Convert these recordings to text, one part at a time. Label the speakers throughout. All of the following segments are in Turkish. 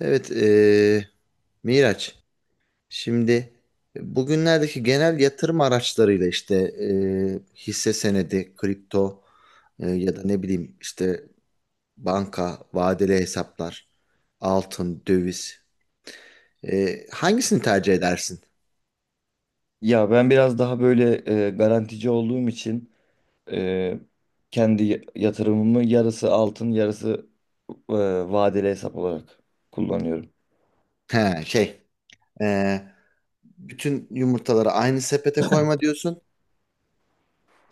Speaker 1: Evet, Miraç. Şimdi bugünlerdeki genel yatırım araçlarıyla işte hisse senedi, kripto, ya da ne bileyim işte banka, vadeli hesaplar, altın, döviz. Hangisini tercih edersin?
Speaker 2: Ya ben biraz daha böyle garantici olduğum için e, kendi yatırımımı yarısı altın yarısı e, vadeli hesap olarak kullanıyorum.
Speaker 1: He, şey, eee, bütün yumurtaları aynı sepete koyma diyorsun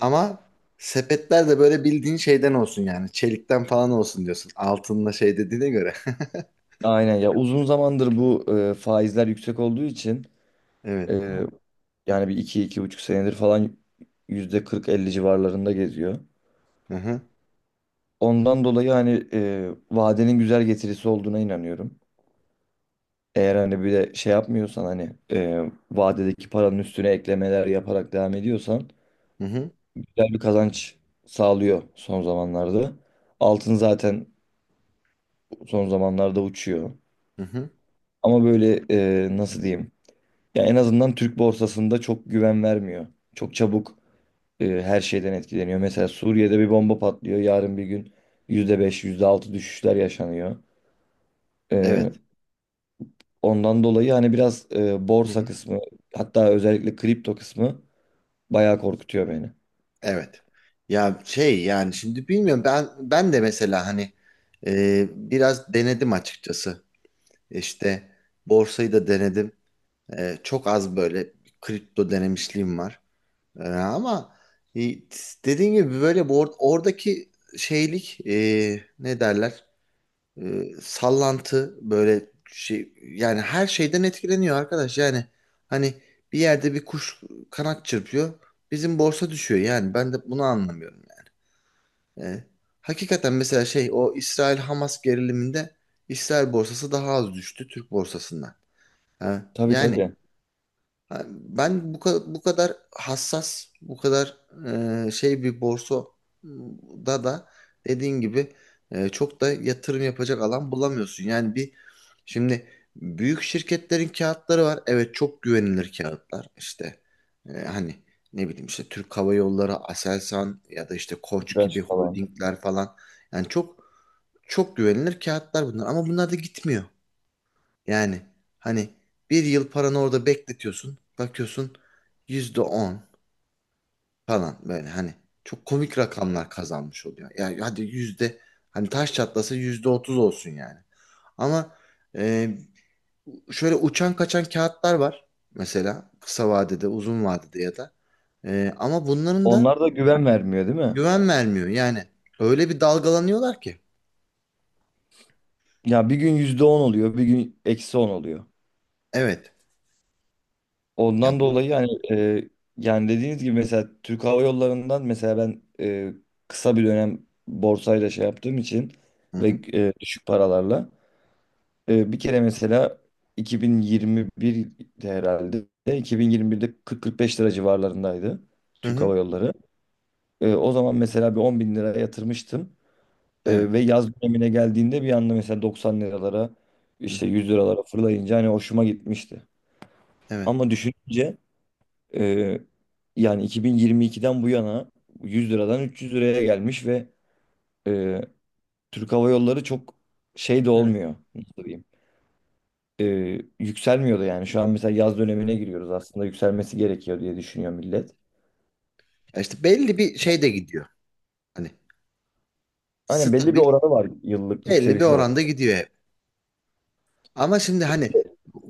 Speaker 1: ama sepetler de böyle bildiğin şeyden olsun yani çelikten falan olsun diyorsun. Altınla şey dediğine göre.
Speaker 2: Aynen ya uzun zamandır bu faizler yüksek olduğu için
Speaker 1: Evet.
Speaker 2: e, yani bir iki iki buçuk senedir falan yüzde kırk elli civarlarında geziyor.
Speaker 1: Hı hı.
Speaker 2: Ondan dolayı hani vadenin güzel getirisi olduğuna inanıyorum. Eğer hani bir de şey yapmıyorsan hani vadedeki paranın üstüne eklemeler yaparak devam ediyorsan
Speaker 1: Hı hı.
Speaker 2: güzel bir kazanç sağlıyor son zamanlarda. Altın zaten son zamanlarda uçuyor.
Speaker 1: Hı hı.
Speaker 2: Ama böyle nasıl diyeyim? Ya en azından Türk borsasında çok güven vermiyor. Çok çabuk her şeyden etkileniyor. Mesela Suriye'de bir bomba patlıyor. Yarın bir gün yüzde beş yüzde altı düşüşler yaşanıyor.
Speaker 1: Evet.
Speaker 2: E, ondan dolayı hani biraz
Speaker 1: Hı
Speaker 2: borsa
Speaker 1: hı.
Speaker 2: kısmı hatta özellikle kripto kısmı bayağı korkutuyor beni.
Speaker 1: Evet. Ya şey yani şimdi bilmiyorum ben de mesela hani e, biraz denedim açıkçası. İşte borsayı da denedim. E, çok az böyle kripto denemişliğim var. E, ama e, dediğim gibi böyle oradaki şeylik e, ne derler? E, sallantı böyle şey yani her şeyden etkileniyor arkadaş. Yani hani bir yerde bir kuş kanat çırpıyor. Bizim borsa düşüyor yani. Ben de bunu anlamıyorum yani. E, hakikaten mesela şey o İsrail-Hamas geriliminde İsrail borsası daha az düştü Türk borsasından. Ha,
Speaker 2: Tabii
Speaker 1: yani
Speaker 2: tabii.
Speaker 1: ha, ben bu kadar hassas, bu kadar e, şey bir borsa da dediğin gibi e, çok da yatırım yapacak alan bulamıyorsun. Yani bir şimdi büyük şirketlerin kağıtları var. Evet, çok güvenilir kağıtlar. İşte e, hani ne bileyim işte Türk Hava Yolları, Aselsan ya da işte Koç gibi
Speaker 2: Güneş falan.
Speaker 1: holdingler falan. Yani çok, çok güvenilir kağıtlar bunlar ama bunlar da gitmiyor. Yani hani bir yıl paranı orada bekletiyorsun. Bakıyorsun yüzde on falan, böyle hani çok komik rakamlar kazanmış oluyor. Yani hadi yüzde, hani taş çatlasa yüzde otuz olsun yani. Ama e, şöyle uçan kaçan kağıtlar var mesela kısa vadede uzun vadede ya da. E, ama bunların da
Speaker 2: Onlar da güven vermiyor değil mi?
Speaker 1: güven vermiyor yani, öyle bir dalgalanıyorlar ki.
Speaker 2: Ya bir gün yüzde on oluyor, bir gün eksi on oluyor.
Speaker 1: Evet. Ya
Speaker 2: Ondan
Speaker 1: bu.
Speaker 2: dolayı hani yani dediğiniz gibi mesela Türk Hava Yolları'ndan mesela ben kısa bir dönem borsayla şey yaptığım için
Speaker 1: Hı
Speaker 2: ve
Speaker 1: hı.
Speaker 2: düşük paralarla. Bir kere mesela 2021'de herhalde 2021'de 40-45 lira civarlarındaydı
Speaker 1: Hı
Speaker 2: Türk
Speaker 1: hı.
Speaker 2: Hava Yolları. O zaman mesela bir 10 bin lira yatırmıştım.
Speaker 1: Evet.
Speaker 2: Ve yaz dönemine geldiğinde bir anda mesela 90 liralara
Speaker 1: Hı
Speaker 2: işte
Speaker 1: hı.
Speaker 2: 100 liralara fırlayınca hani hoşuma gitmişti.
Speaker 1: Evet.
Speaker 2: Ama düşününce e, yani 2022'den bu yana 100 liradan 300 liraya gelmiş ve e, Türk Hava Yolları çok şey de
Speaker 1: Evet.
Speaker 2: olmuyor. Nasıl diyeyim? e, Yükselmiyordu yani. Şu an mesela yaz dönemine giriyoruz. Aslında yükselmesi gerekiyor diye düşünüyor millet.
Speaker 1: Ya İşte belli bir şey de gidiyor. Hani
Speaker 2: Hani belli bir
Speaker 1: stabil,
Speaker 2: oranı var, yıllık
Speaker 1: belli bir
Speaker 2: yükseliş oranı.
Speaker 1: oranda gidiyor hep. Ama şimdi hani bu,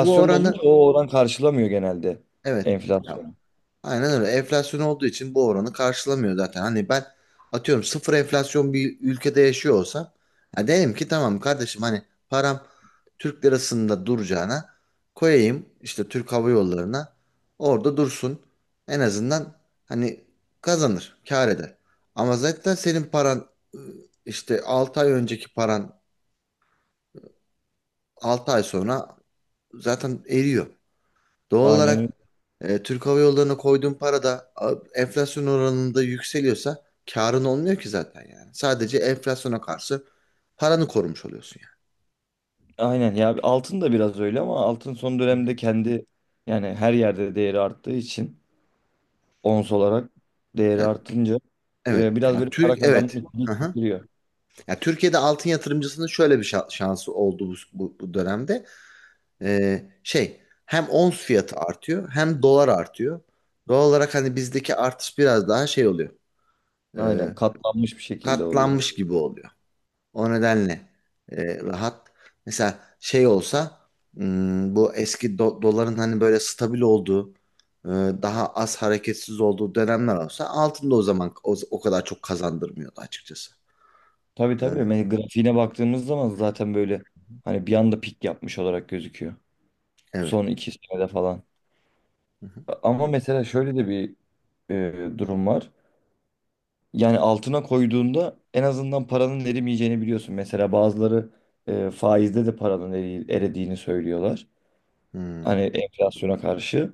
Speaker 1: bu
Speaker 2: da olunca
Speaker 1: oranı
Speaker 2: o oran karşılamıyor genelde
Speaker 1: evet. Ya,
Speaker 2: enflasyonu.
Speaker 1: aynen öyle, enflasyon olduğu için bu oranı karşılamıyor zaten. Hani ben atıyorum sıfır enflasyon bir ülkede yaşıyor olsam ya derim ki tamam kardeşim, hani param Türk lirasında duracağına koyayım işte Türk Hava Yolları'na, orada dursun. En azından hani kazanır, kâr eder. Ama zaten senin paran, ıı, işte 6 ay önceki paran altı ay sonra zaten eriyor. Doğal
Speaker 2: Aynen öyle.
Speaker 1: olarak e, Türk Hava Yolları'na koyduğun para da a, enflasyon oranında yükseliyorsa karın olmuyor ki zaten yani. Sadece enflasyona karşı paranı korumuş oluyorsun
Speaker 2: Aynen ya altın da biraz öyle, ama altın son
Speaker 1: yani. Hı
Speaker 2: dönemde
Speaker 1: hı.
Speaker 2: kendi yani her yerde değeri arttığı için, ons olarak değeri
Speaker 1: Yani,
Speaker 2: artınca
Speaker 1: evet.
Speaker 2: biraz
Speaker 1: Yani
Speaker 2: böyle para
Speaker 1: Türk, evet.
Speaker 2: kazanmış
Speaker 1: Hı
Speaker 2: gibi
Speaker 1: hı.
Speaker 2: giriyor.
Speaker 1: Yani Türkiye'de altın yatırımcısının şöyle bir şansı oldu bu dönemde. Şey hem ons fiyatı artıyor hem dolar artıyor. Doğal olarak hani bizdeki artış biraz daha şey oluyor. E,
Speaker 2: Aynen katlanmış bir şekilde oluyor.
Speaker 1: katlanmış gibi oluyor. O nedenle e, rahat. Mesela şey olsa hmm, bu eski doların hani böyle stabil olduğu e, daha az hareketsiz olduğu dönemler olsa altında o zaman o kadar çok kazandırmıyordu açıkçası.
Speaker 2: Tabii tabii.
Speaker 1: E,
Speaker 2: Grafiğine baktığımız zaman zaten böyle hani bir anda pik yapmış olarak gözüküyor.
Speaker 1: evet.
Speaker 2: Son iki senede falan.
Speaker 1: Hı hı.
Speaker 2: Ama mesela şöyle de bir durum var. Yani altına koyduğunda en azından paranın erimeyeceğini biliyorsun. Mesela bazıları faizde de paranın erediğini söylüyorlar.
Speaker 1: Hmm,
Speaker 2: Hani enflasyona karşı.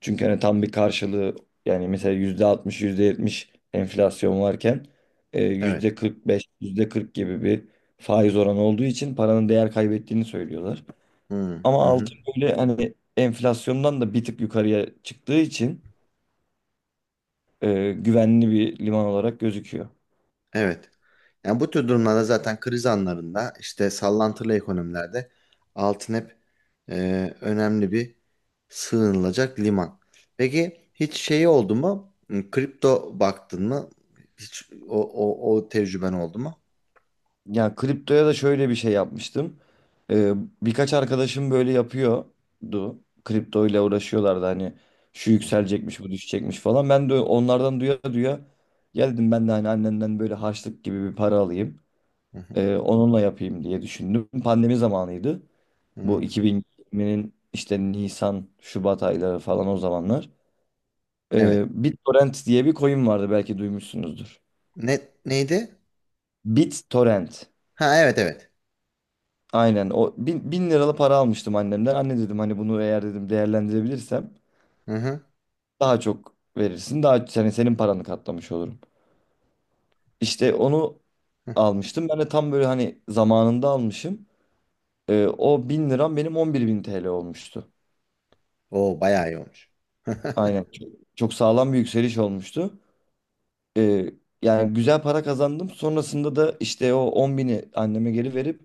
Speaker 2: Çünkü hani tam bir karşılığı yani mesela yüzde altmış yüzde yetmiş enflasyon varken
Speaker 1: evet.
Speaker 2: yüzde kırk beş yüzde kırk gibi bir faiz oranı olduğu için paranın değer kaybettiğini söylüyorlar.
Speaker 1: Hmm,
Speaker 2: Ama
Speaker 1: hı hı.
Speaker 2: altın böyle hani enflasyondan da bir tık yukarıya çıktığı için güvenli bir liman olarak gözüküyor.
Speaker 1: Evet. Yani bu tür durumlarda zaten, kriz anlarında işte sallantılı ekonomilerde altın hep e, önemli bir sığınılacak liman. Peki hiç şeyi oldu mu? Hmm, kripto baktın mı? Hiç o tecrüben oldu mu?
Speaker 2: Yani kriptoya da şöyle bir şey yapmıştım. Ee, birkaç arkadaşım böyle yapıyordu. Kripto ile uğraşıyorlardı hani şu
Speaker 1: Hı hı,
Speaker 2: yükselecekmiş bu düşecekmiş falan. Ben de onlardan duya duya geldim, ben de hani annemden böyle harçlık gibi bir para alayım.
Speaker 1: hı hı,
Speaker 2: Onunla yapayım diye düşündüm. Pandemi zamanıydı. Bu
Speaker 1: hı.
Speaker 2: 2020'nin işte Nisan, Şubat ayları falan o zamanlar.
Speaker 1: Evet.
Speaker 2: BitTorrent diye bir coin vardı, belki duymuşsunuzdur.
Speaker 1: Ne, neydi?
Speaker 2: BitTorrent.
Speaker 1: Ha, evet, evet.
Speaker 2: Aynen, o bin liralı para almıştım annemden. Anne dedim hani, bunu eğer dedim değerlendirebilirsem
Speaker 1: Hı hı.
Speaker 2: daha çok verirsin. Daha senin paranı katlamış olurum. İşte onu
Speaker 1: Hı.
Speaker 2: almıştım. Ben de tam böyle hani zamanında almışım. O bin liram benim 11 bin TL olmuştu.
Speaker 1: Oo, bayağı iyi olmuş.
Speaker 2: Aynen çok sağlam bir yükseliş olmuştu. Ee, yani güzel para kazandım. Sonrasında da işte o 10 bini anneme geri verip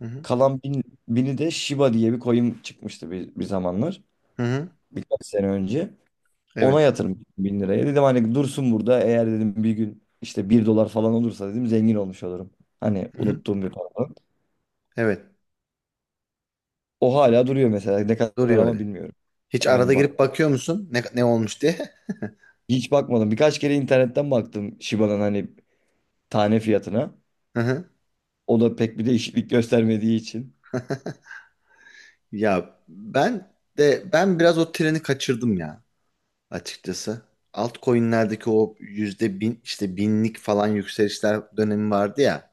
Speaker 1: Hı hı.
Speaker 2: kalan bini de Shiba diye bir coin çıkmıştı bir zamanlar.
Speaker 1: Hı hı.
Speaker 2: Birkaç sene önce. Ona
Speaker 1: Evet.
Speaker 2: yatırım ettim bin liraya. Dedim hani dursun burada. Eğer dedim bir gün işte bir dolar falan olursa dedim zengin olmuş olurum. Hani
Speaker 1: Hı hı.
Speaker 2: unuttuğum bir para.
Speaker 1: Evet.
Speaker 2: O hala duruyor mesela. Ne kadar
Speaker 1: Duruyor
Speaker 2: ama
Speaker 1: öyle.
Speaker 2: bilmiyorum.
Speaker 1: Hiç arada
Speaker 2: Aynen bak.
Speaker 1: girip bakıyor musun? Ne, ne olmuş diye?
Speaker 2: Hiç bakmadım. Birkaç kere internetten baktım Shiba'nın hani tane fiyatına.
Speaker 1: Hı hı.
Speaker 2: O da pek bir değişiklik göstermediği için.
Speaker 1: Ya ben de, ben biraz o treni kaçırdım ya açıkçası. Altcoin'lerdeki o yüzde bin işte binlik falan yükselişler dönemi vardı ya.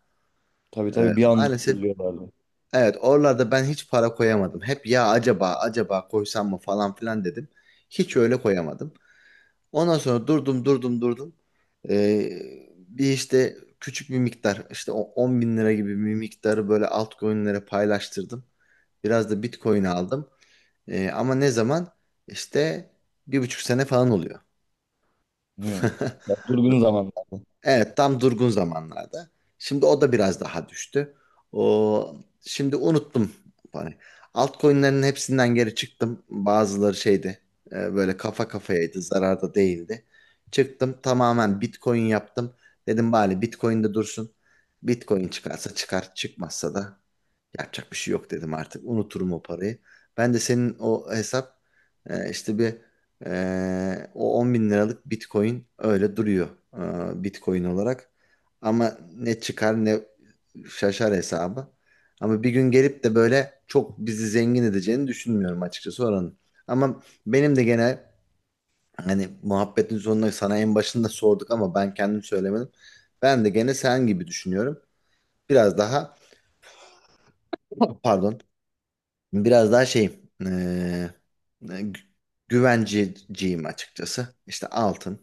Speaker 2: Tabii
Speaker 1: Ee,
Speaker 2: tabii, bir anda
Speaker 1: maalesef
Speaker 2: fırlıyorlardı.
Speaker 1: evet, oralarda ben hiç para koyamadım. Hep ya acaba, acaba koysam mı falan filan dedim. Hiç öyle koyamadım. Ondan sonra durdum. Ee, bir işte küçük bir miktar, işte o 10 bin lira gibi bir miktarı böyle altcoin'lere paylaştırdım. Biraz da Bitcoin aldım. Ama ne zaman? İşte bir buçuk sene falan oluyor.
Speaker 2: Hmm. Ya durgun zamanlarda.
Speaker 1: Evet, tam durgun zamanlarda. Şimdi o da biraz daha düştü. O şimdi unuttum. Hani altcoin'lerin hepsinden geri çıktım. Bazıları şeydi. E, böyle kafa kafayaydı, zararda değildi. Çıktım, tamamen Bitcoin yaptım. Dedim bari Bitcoin'de dursun. Bitcoin çıkarsa çıkar, çıkmazsa da yapacak bir şey yok dedim artık. Unuturum o parayı. Ben de senin o hesap e, işte bir e, o 10 bin liralık Bitcoin öyle duruyor e, Bitcoin olarak. Ama ne çıkar ne şaşar hesabı. Ama bir gün gelip de böyle çok bizi zengin edeceğini düşünmüyorum açıkçası oranın. Ama benim de gene hani muhabbetin sonunda sana en başında sorduk ama ben kendim söylemedim. Ben de gene sen gibi düşünüyorum. Biraz daha, pardon, biraz daha şeyim. E, güvenciciyim açıkçası. İşte altın,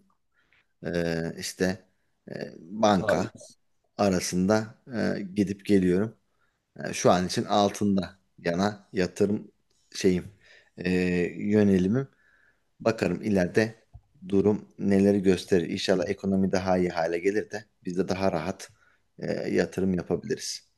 Speaker 1: işte banka
Speaker 2: Faiz.
Speaker 1: arasında gidip geliyorum. Yani şu an için altında yana yatırım şeyim, yönelimim. Bakarım ileride durum neleri gösterir. İnşallah ekonomi daha iyi hale gelir de biz de daha rahat yatırım yapabiliriz.